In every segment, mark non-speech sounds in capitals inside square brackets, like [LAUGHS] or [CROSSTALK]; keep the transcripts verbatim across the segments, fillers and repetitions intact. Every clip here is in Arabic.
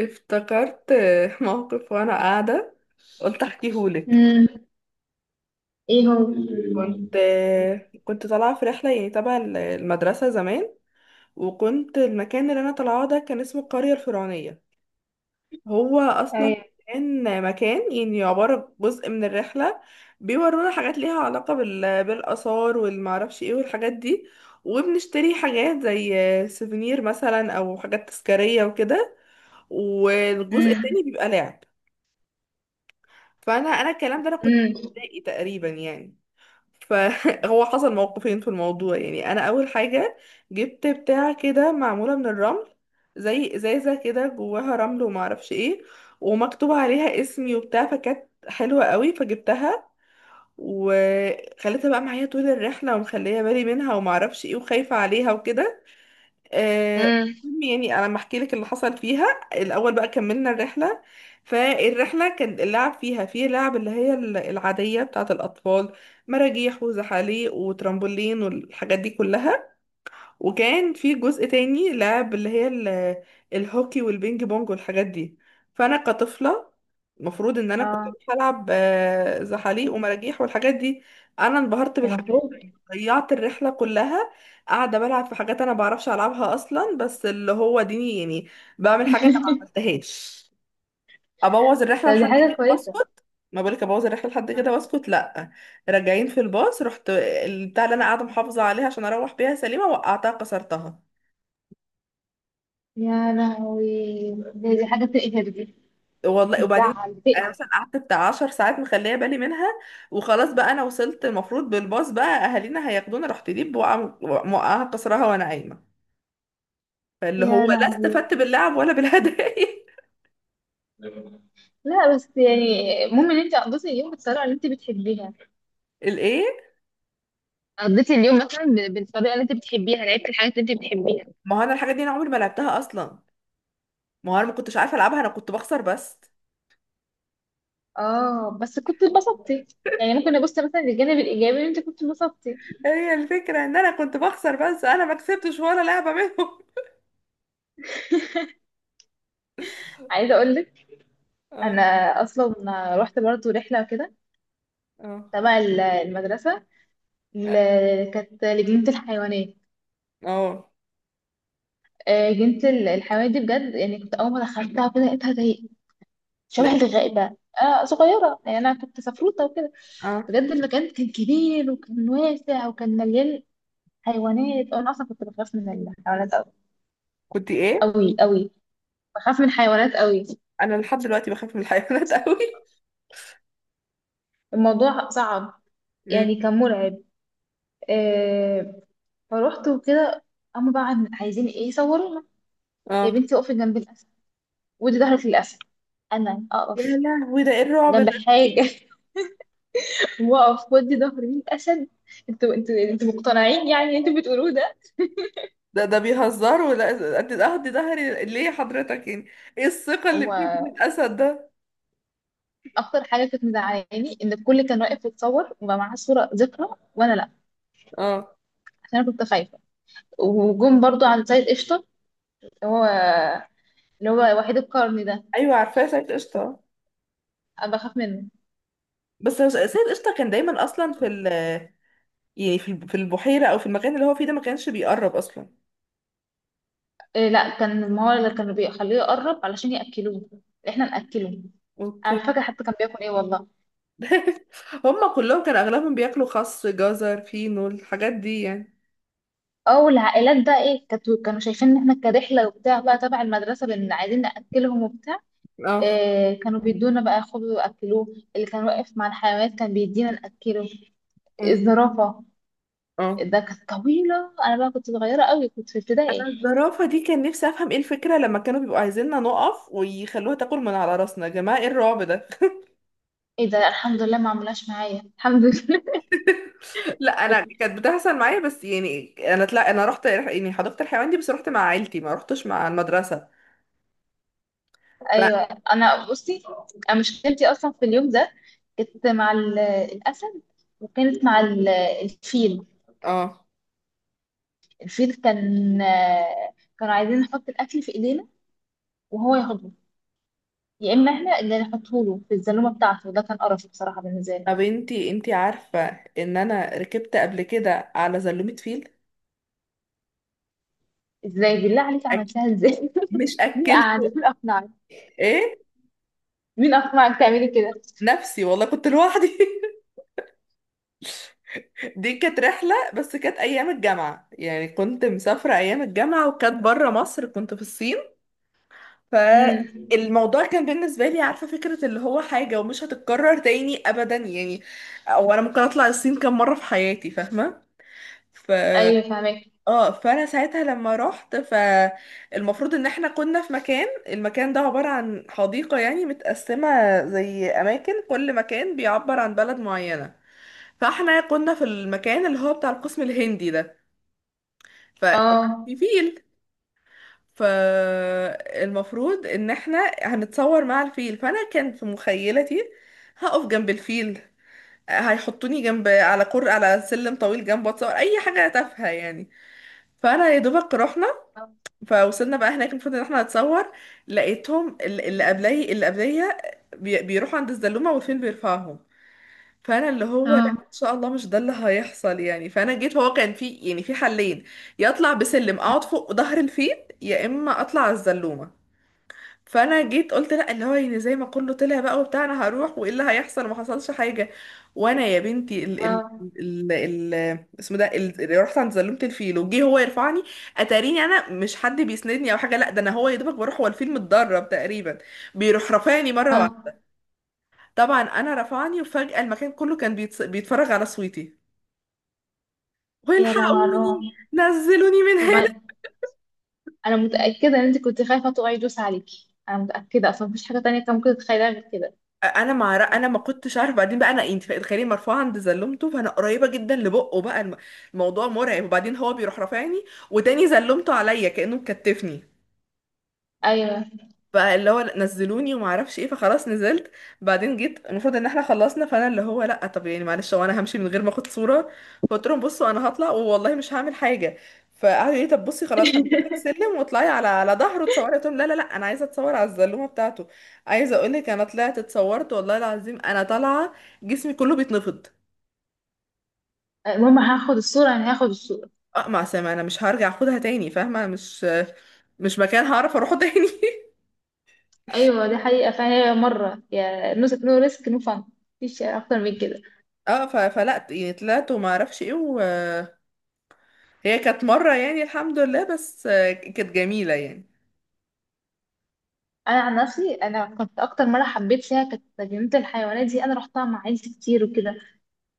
افتكرت [LAUGHS] آه، موقف وانا قاعده. قلت احكيهولك. امم. ايه هو؟ كنت آه، كنت طالعه في رحله يعني تبع ال- المدرسه زمان، وكنت المكان اللي انا طالعاه ده كان اسمه القريه الفرعونيه. هو اصلا ايوه. كان مكان يعني عباره جزء من الرحله، بيورونا حاجات ليها علاقه بال... بالاثار والمعرفش ايه والحاجات دي، وبنشتري حاجات زي آه، سيفونير مثلا او حاجات تذكاريه وكده، والجزء امم. التاني بيبقى لعب. فانا انا الكلام ده انا كنت في امم. ابتدائي تقريبا يعني. فهو [LAUGHS] حصل موقفين في الموضوع يعني. انا اول حاجه جبت بتاع كده معموله من الرمل، زي ازازه كده جواها رمل وما اعرفش ايه، ومكتوب عليها اسمي وبتاع، فكانت حلوه قوي فجبتها، وخليتها بقى معايا طول الرحله ومخليه بالي منها وما اعرفش ايه وخايفه عليها وكده. آه، امم. المهم يعني انا لما احكي لك اللي حصل فيها. الاول بقى كملنا الرحله، فالرحله كان اللعب فيها فيه لعب اللي هي ال- العاديه بتاعه الاطفال، مراجيح وزحاليق وترامبولين والحاجات دي كلها. وكان في جزء تاني لعب اللي هي ال- الهوكي والبينج بونج والحاجات دي. فانا كطفله المفروض ان انا كنت اه. بروح العب آه، زحاليق ومراجيح والحاجات دي. انا انبهرت بالحاجات المفروض. دي. ضيعت الرحله كلها قاعده بلعب في حاجات انا بعرفش العبها اصلا، بس اللي هو ديني يعني بعمل حاجه انا ما [LAUGHS] عملتهاش. ابوظ طب، الرحله دي لحد حاجة كده كويسة. واسكت؟ ما بالك ابوظ الرحله لحد آه. كده واسكت، لا. راجعين في الباص رحت البتاع اللي انا قاعده محافظه عليها عشان اروح بيها سليمه، وقعتها كسرتها. يا لهوي، دي, دي حاجة تقهر دي. والله. وبعدين بتزعل، انا بتقهر. مثلا قعدت بتاع عشر ساعات مخليه بالي منها، وخلاص بقى انا وصلت المفروض بالباص بقى اهالينا هياخدونا، رحت دي بوقع موقعها كسرها وانا قايمه. فاللي هو يا لا لهوي، استفدت باللعب ولا بالهدايا. لا بس يعني المهم ان انت قضيتي اليوم بالطريقة اللي انت بتحبيها. [LAUGHS] الايه؟ قضيتي اليوم مثلا ب- بالطريقه اللي انت بتحبيها، لعبتي الحاجات اللي انت بتحبيها. ما هو انا الحاجه دي انا عمري ما لعبتها اصلا، ما هو انا ما كنتش عارفه العبها، انا كنت بخسر بس. اه، بس كنت اتبسطتي. يعني ممكن ابص مثلا للجانب الايجابي ان انت كنت اتبسطتي. [LAUGHS] هي الفكره ان انا كنت بخسر بس، انا ما كسبتش ولا لعبه منهم. [LAUGHS] عايزة اقول لك، اه. انا اصلا رحت برضه رحلة كده اه. تبع ال- المدرسة. ل- كانت لجنة الحيوانات. اه. آه، جنة ال- الحيوانات دي بجد يعني، كنت أول ما دخلتها كده لقيتها زي شبه لقيت- الغابة. آه صغيرة يعني، أنا كنت سفروتة وكده. اه. بجد المكان كان كبير وكان واسع وكان مليان حيوانات. أنا أصلا كنت بخاف من الحيوانات أوي. كنت ايه؟ أوي أوي، بخاف من الحيوانات أوي. انا لحد دلوقتي بخاف من الحيوانات [LAUGHS] قوي. الموضوع صعب، امم. يعني كان مرعب. آه، فروحت وكده. هما بقى عايزين إيه، يصورونا. يا اه. بنتي اقفي جنب الأسد، ودي ظهرك للأسد. أنا يا أقف لهوي، ده ايه الرعب جنب ده؟ حاجة [LAUGHS] وأقف ودي ظهري للأسد؟ انتوا انتوا انتوا مقتنعين يعني، انتوا بتقولوه ده؟ ده ده بيهزروا، لا قد اهدي ظهري ليه حضرتك يعني؟ ايه الثقة اللي بيني وبين هما الاسد ده؟ أكتر حاجة كانت مزعلاني إن الكل كان واقف يتصور وما معاه صورة ذكرى، وأنا لأ. اه. عشان أنا كنت خايفة. وجم برضو عند سيد قشطة، اللي هو اللي هو وحيد القرن ده. ايوه عارفاه سيد قشطة. أنا بخاف منه. بس هو سيد قشطة كان دايما اصلا في ال، يعني في الب- في البحيرة او في المكان اللي هو فيه ده، ما كانش بيقرب اصلا. إيه، لأ، كان ما هو اللي كانوا بيخليه يقرب علشان يأكلوه. إحنا نأكله. أنا اوكي. مش فاكرة حتى كان بياكل إيه، والله. [LAUGHS] هم كلهم كان اغلبهم بياكلوا خس جزر فينو الحاجات دي يعني. اه، والعائلات بقى ايه، كانت- كانوا شايفين ان احنا كرحله وبتاع بقى تبع المدرسه لان عايزين ناكلهم وبتاع. اه. إيه، كانوا بيدونا بقى خبز واكلوه. اللي كان واقف مع الحيوانات كان بيدينا ناكله. أمم. الزرافه اه. ده كانت طويله، انا بقى كنت صغيره قوي، كنت في ابتدائي. انا الزرافة دي كان نفسي افهم ايه الفكرة لما كانوا بيبقوا عايزيننا نقف ويخلوها تاكل من على راسنا؟ يا جماعة ايه الرعب ده؟ ايه ده، الحمد لله ما عملهاش معايا، الحمد لله. لا انا [LAUGHS] كانت بتحصل معايا، بس يعني انا طلع انا رحت يعني حديقة الحيوان دي بس رحت مع عيلتي، ما رحتش مع المدرسة. ف، ايوه. انا بصي، انا مشكلتي اصلا في اليوم ده كنت مع ال- الاسد، وكانت مع ال- الفيل. اه. الفيل كان آه، كانوا عايزين نحط الاكل في ايدينا وهو ياخده، يا اما احنا اللي نحطه له في الزلومه بتاعته. ده كان قرف بصراحه بالنسبه لي. طب انتي انتي عارفة ان انا ركبت قبل كده على زلومة فيل؟ ازاي بالله عليك أك... عملتها ازاي؟ مش [LAUGHS] مين قعدك اكلته. مين اقنعك ايه. مين اقنعك تعملي كده؟ نفسي والله كنت لوحدي. [LAUGHS] دي كانت رحلة بس كانت ايام الجامعة يعني، كنت مسافرة ايام الجامعة وكانت بره مصر، كنت في الصين. امم. فالموضوع كان بالنسبة لي عارفة فكرة اللي هو حاجة ومش هتتكرر تاني أبدا يعني. أو أنا ممكن أطلع الصين كم مرة في حياتي، فاهمة؟ ف، ايوه، فاهمك. اه. فأنا ساعتها لما رحت، فالمفروض إن احنا كنا في مكان. المكان ده عبارة عن حديقة يعني متقسمة زي أماكن، كل مكان بيعبر عن بلد معينة. فاحنا كنا في المكان اللي هو بتاع القسم الهندي ده. ف، اه. في فيل. فالمفروض ان احنا هنتصور مع الفيل. فانا كان في مخيلتي هقف جنب الفيل، هيحطوني جنب على كر على سلم طويل جنبه اتصور اي حاجه تافهه يعني. فانا يا دوبك رحنا، فوصلنا بقى هناك المفروض ان احنا نتصور. لقيتهم ال- اللي قبلي اللي قبليه بي- بيروحوا عند الزلومه والفيل بيرفعهم. فانا اللي هو لا، اه. ان شاء الله مش ده اللي هيحصل يعني. فانا جيت هو كان في يعني في حلين، يا اطلع بسلم اقعد فوق ظهر الفيل، يا اما اطلع على الزلومه. فانا جيت قلت لا، اللي هو يعني زي ما كله طلع بقى وبتاع انا هروح وايه اللي هيحصل، ما حصلش حاجه. وانا يا بنتي ال ال اه. ال ال اسمه ده ال- اللي رحت عند زلمه الفيل، وجه هو يرفعني. اتاريني انا مش حد بيسندني او حاجه، لا ده انا هو يا دوبك بروح، هو الفيل متدرب تقريبا، بيروح رفعني مره واحده. اه. طبعا انا رفعني وفجاه المكان كله كان بيتس- بيتفرج على صوتي، يا لو على الرعب. والحقوني نزلوني من طب هنا. انا أنا متاكده ان انت كنت خايفه طوع يدوس عليكي، انا متاكده اصلا مفيش حاجه تانية كان ممكن تتخيلها غير كده. انا مع، انا ما كنتش عارفه بعدين بقى، انا انت تخيلي مرفوعه عند زلمته فانا قريبه جدا لبقه بقى، الم- الموضوع مرعب، وبعدين هو بيروح رافعني وتاني زلمته عليا كانه مكتفني. ايوه، فاللي هو لأ، نزلوني وما اعرفش ايه، فخلاص نزلت. بعدين جيت المفروض ان احنا خلصنا، فانا اللي هو لا طب يعني معلش، هو انا همشي من غير ما اخد صوره؟ فقلت لهم بصوا انا هطلع والله، مش هعمل حاجه. فقعدوا يقولوا لي طب بصي خلاص هنجيب لك سلم واطلعي على على ظهره اتصوري، قلت لهم لا لا لا، انا عايزه اتصور على الزلومه بتاعته. عايزه اقول لك انا طلعت اتصورت والله العظيم، انا طالعه جسمي كله بيتنفض. المهم هاخد الصوره، انا هاخد الصوره. اقمع سامع، انا مش هرجع اخدها تاني فاهمه؟ أنا مش مش مكان هعرف اروحه تاني. [LAUGHS] ايوه دي حقيقه، فهي مره يا نو نو ريسك نو فن. مفيش اكتر من كده. اه، ف- فلا يعني طلعت وما اعرفش ايه و، هي كانت مرة يعني الحمد لله، بس آه، كانت جميلة يعني. انا عن نفسي، انا كنت اكتر مره حبيت فيها كانت جنينه الحيوانات دي، انا رحتها مع عيلتي كتير وكده.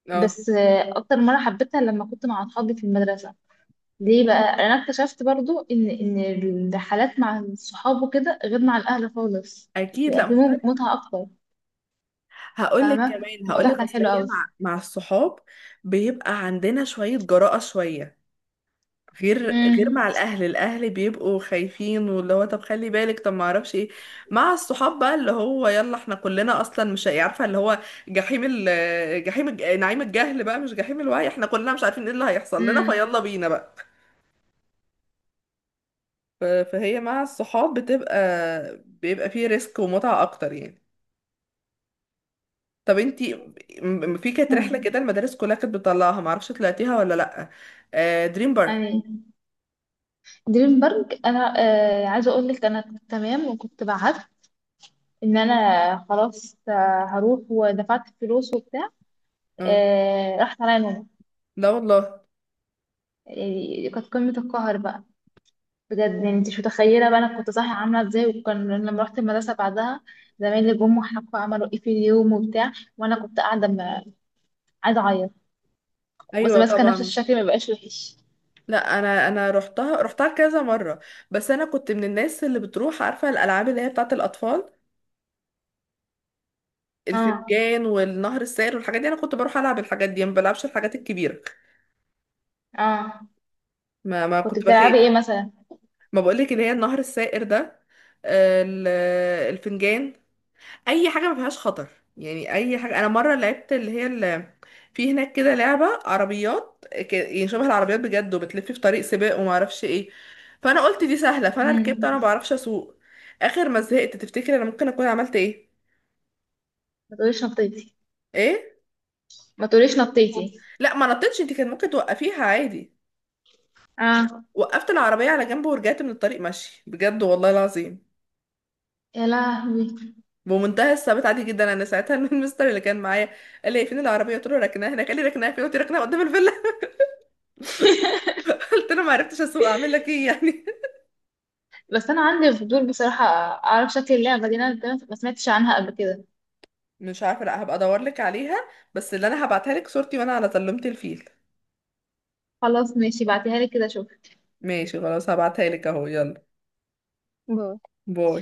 اه. بس آه، اكتر مره حبيتها لما كنت مع اصحابي في المدرسه. ليه بقى، انا اكتشفت برضو ان ان الرحلات مع الصحاب وكده غير مع الاهل خالص. اكيد، بيبقى لا في مم- مختلف. متعه اكتر. هقول لك فاهمه، كمان، هقول الموضوع لك كان اصل حلو هي قوي. مع مع الصحاب بيبقى عندنا شوية جراءة، شوية غير غير مع امم. الاهل، الاهل بيبقوا خايفين واللي هو طب خلي بالك طب ما اعرفش ايه. مع الصحاب بقى اللي هو يلا احنا كلنا اصلا مش عارفه اللي هو جحيم ال جحيم الج- نعيم الجهل بقى مش جحيم الوعي، احنا كلنا مش عارفين ايه اللي هيحصل لنا، فيلا بينا بقى. ف- فهي مع الصحاب بتبقى بيبقى فيه ريسك ومتعة اكتر يعني. طب انتي م- م- في كانت رحلة امم. كده المدارس كلها كانت بتطلعها، معرفش طلعتيها ولا لأ؟ آه دريم بارك. يعني دريم بارك. انا آه عايزه اقول لك، انا كنت تمام وكنت بعت ان انا خلاص، آه، هروح ودفعت فلوس وبتاع. اه. آه، راحت عليا نومة. لا والله. يعني كانت قمة القهر بقى، بجد يعني انت مش متخيلة بقى انا كنت صاحية عاملة ازاي. وكان لما رحت المدرسة بعدها زمايلي جم وحكوا عملوا ايه في اليوم وبتاع، وانا كنت قاعدة م- عايزة اعيط بس ايوه ماسكة نفس طبعا. الشكل ما بقاش وحش. لا انا انا رحتها، رحتها كذا مرة. بس انا كنت من الناس اللي بتروح عارفة الالعاب اللي هي بتاعة الاطفال، اه. الفنجان والنهر السائر والحاجات دي. انا كنت بروح العب الحاجات دي، ما بلعبش الحاجات الكبيرة. اه، ما ما كنت كنت بخاف. بتلعبي ايه مثلا؟ ما بقولك اللي هي النهر السائر ده، آه، ال- الفنجان. اي حاجه ما فيهاش خطر يعني. اي حاجه. انا مره لعبت اللي هي اللي في هناك كده لعبه عربيات، ك- يعني شبه العربيات بجد، وبتلف في طريق سباق وما اعرفش ايه. فانا قلت دي سهله فانا ركبت، مم. انا ما بعرفش اسوق. اخر ما زهقت تفتكر انا ممكن اكون عملت ايه؟ ما تقوليش نطيتي. ايه؟ ما تقوليش نطيتي. لا ما نطيتش، انت كان ممكن توقفيها عادي. اه. وقفت العربيه على جنب ورجعت من الطريق ماشي بجد والله العظيم، يا لهوي. بمنتهى الثبات عادي جدا. انا ساعتها [LAUGHS] المستر اللي كان معايا قال لي "إيه، فين العربيه؟" قلت له ركناها هناك. قال لي ركناها فين؟ قلت له ركناها قدام الفيلا. [LAUGHS] قلت له ما عرفتش اسوق، اعمل لك ايه يعني؟ بس انا عندي فضول بصراحة، اعرف شكل اللعبة دي. انا ما سمعتش عنها قبل كده. مش عارفه، لا هبقى ادور لك عليها. بس اللي انا هبعتها لك صورتي وانا على سلمت الفيل. خلاص، ماشي، بعتيها لي كده اشوف. ماشي خلاص هبعتها لك اهو، يلا باي. باي.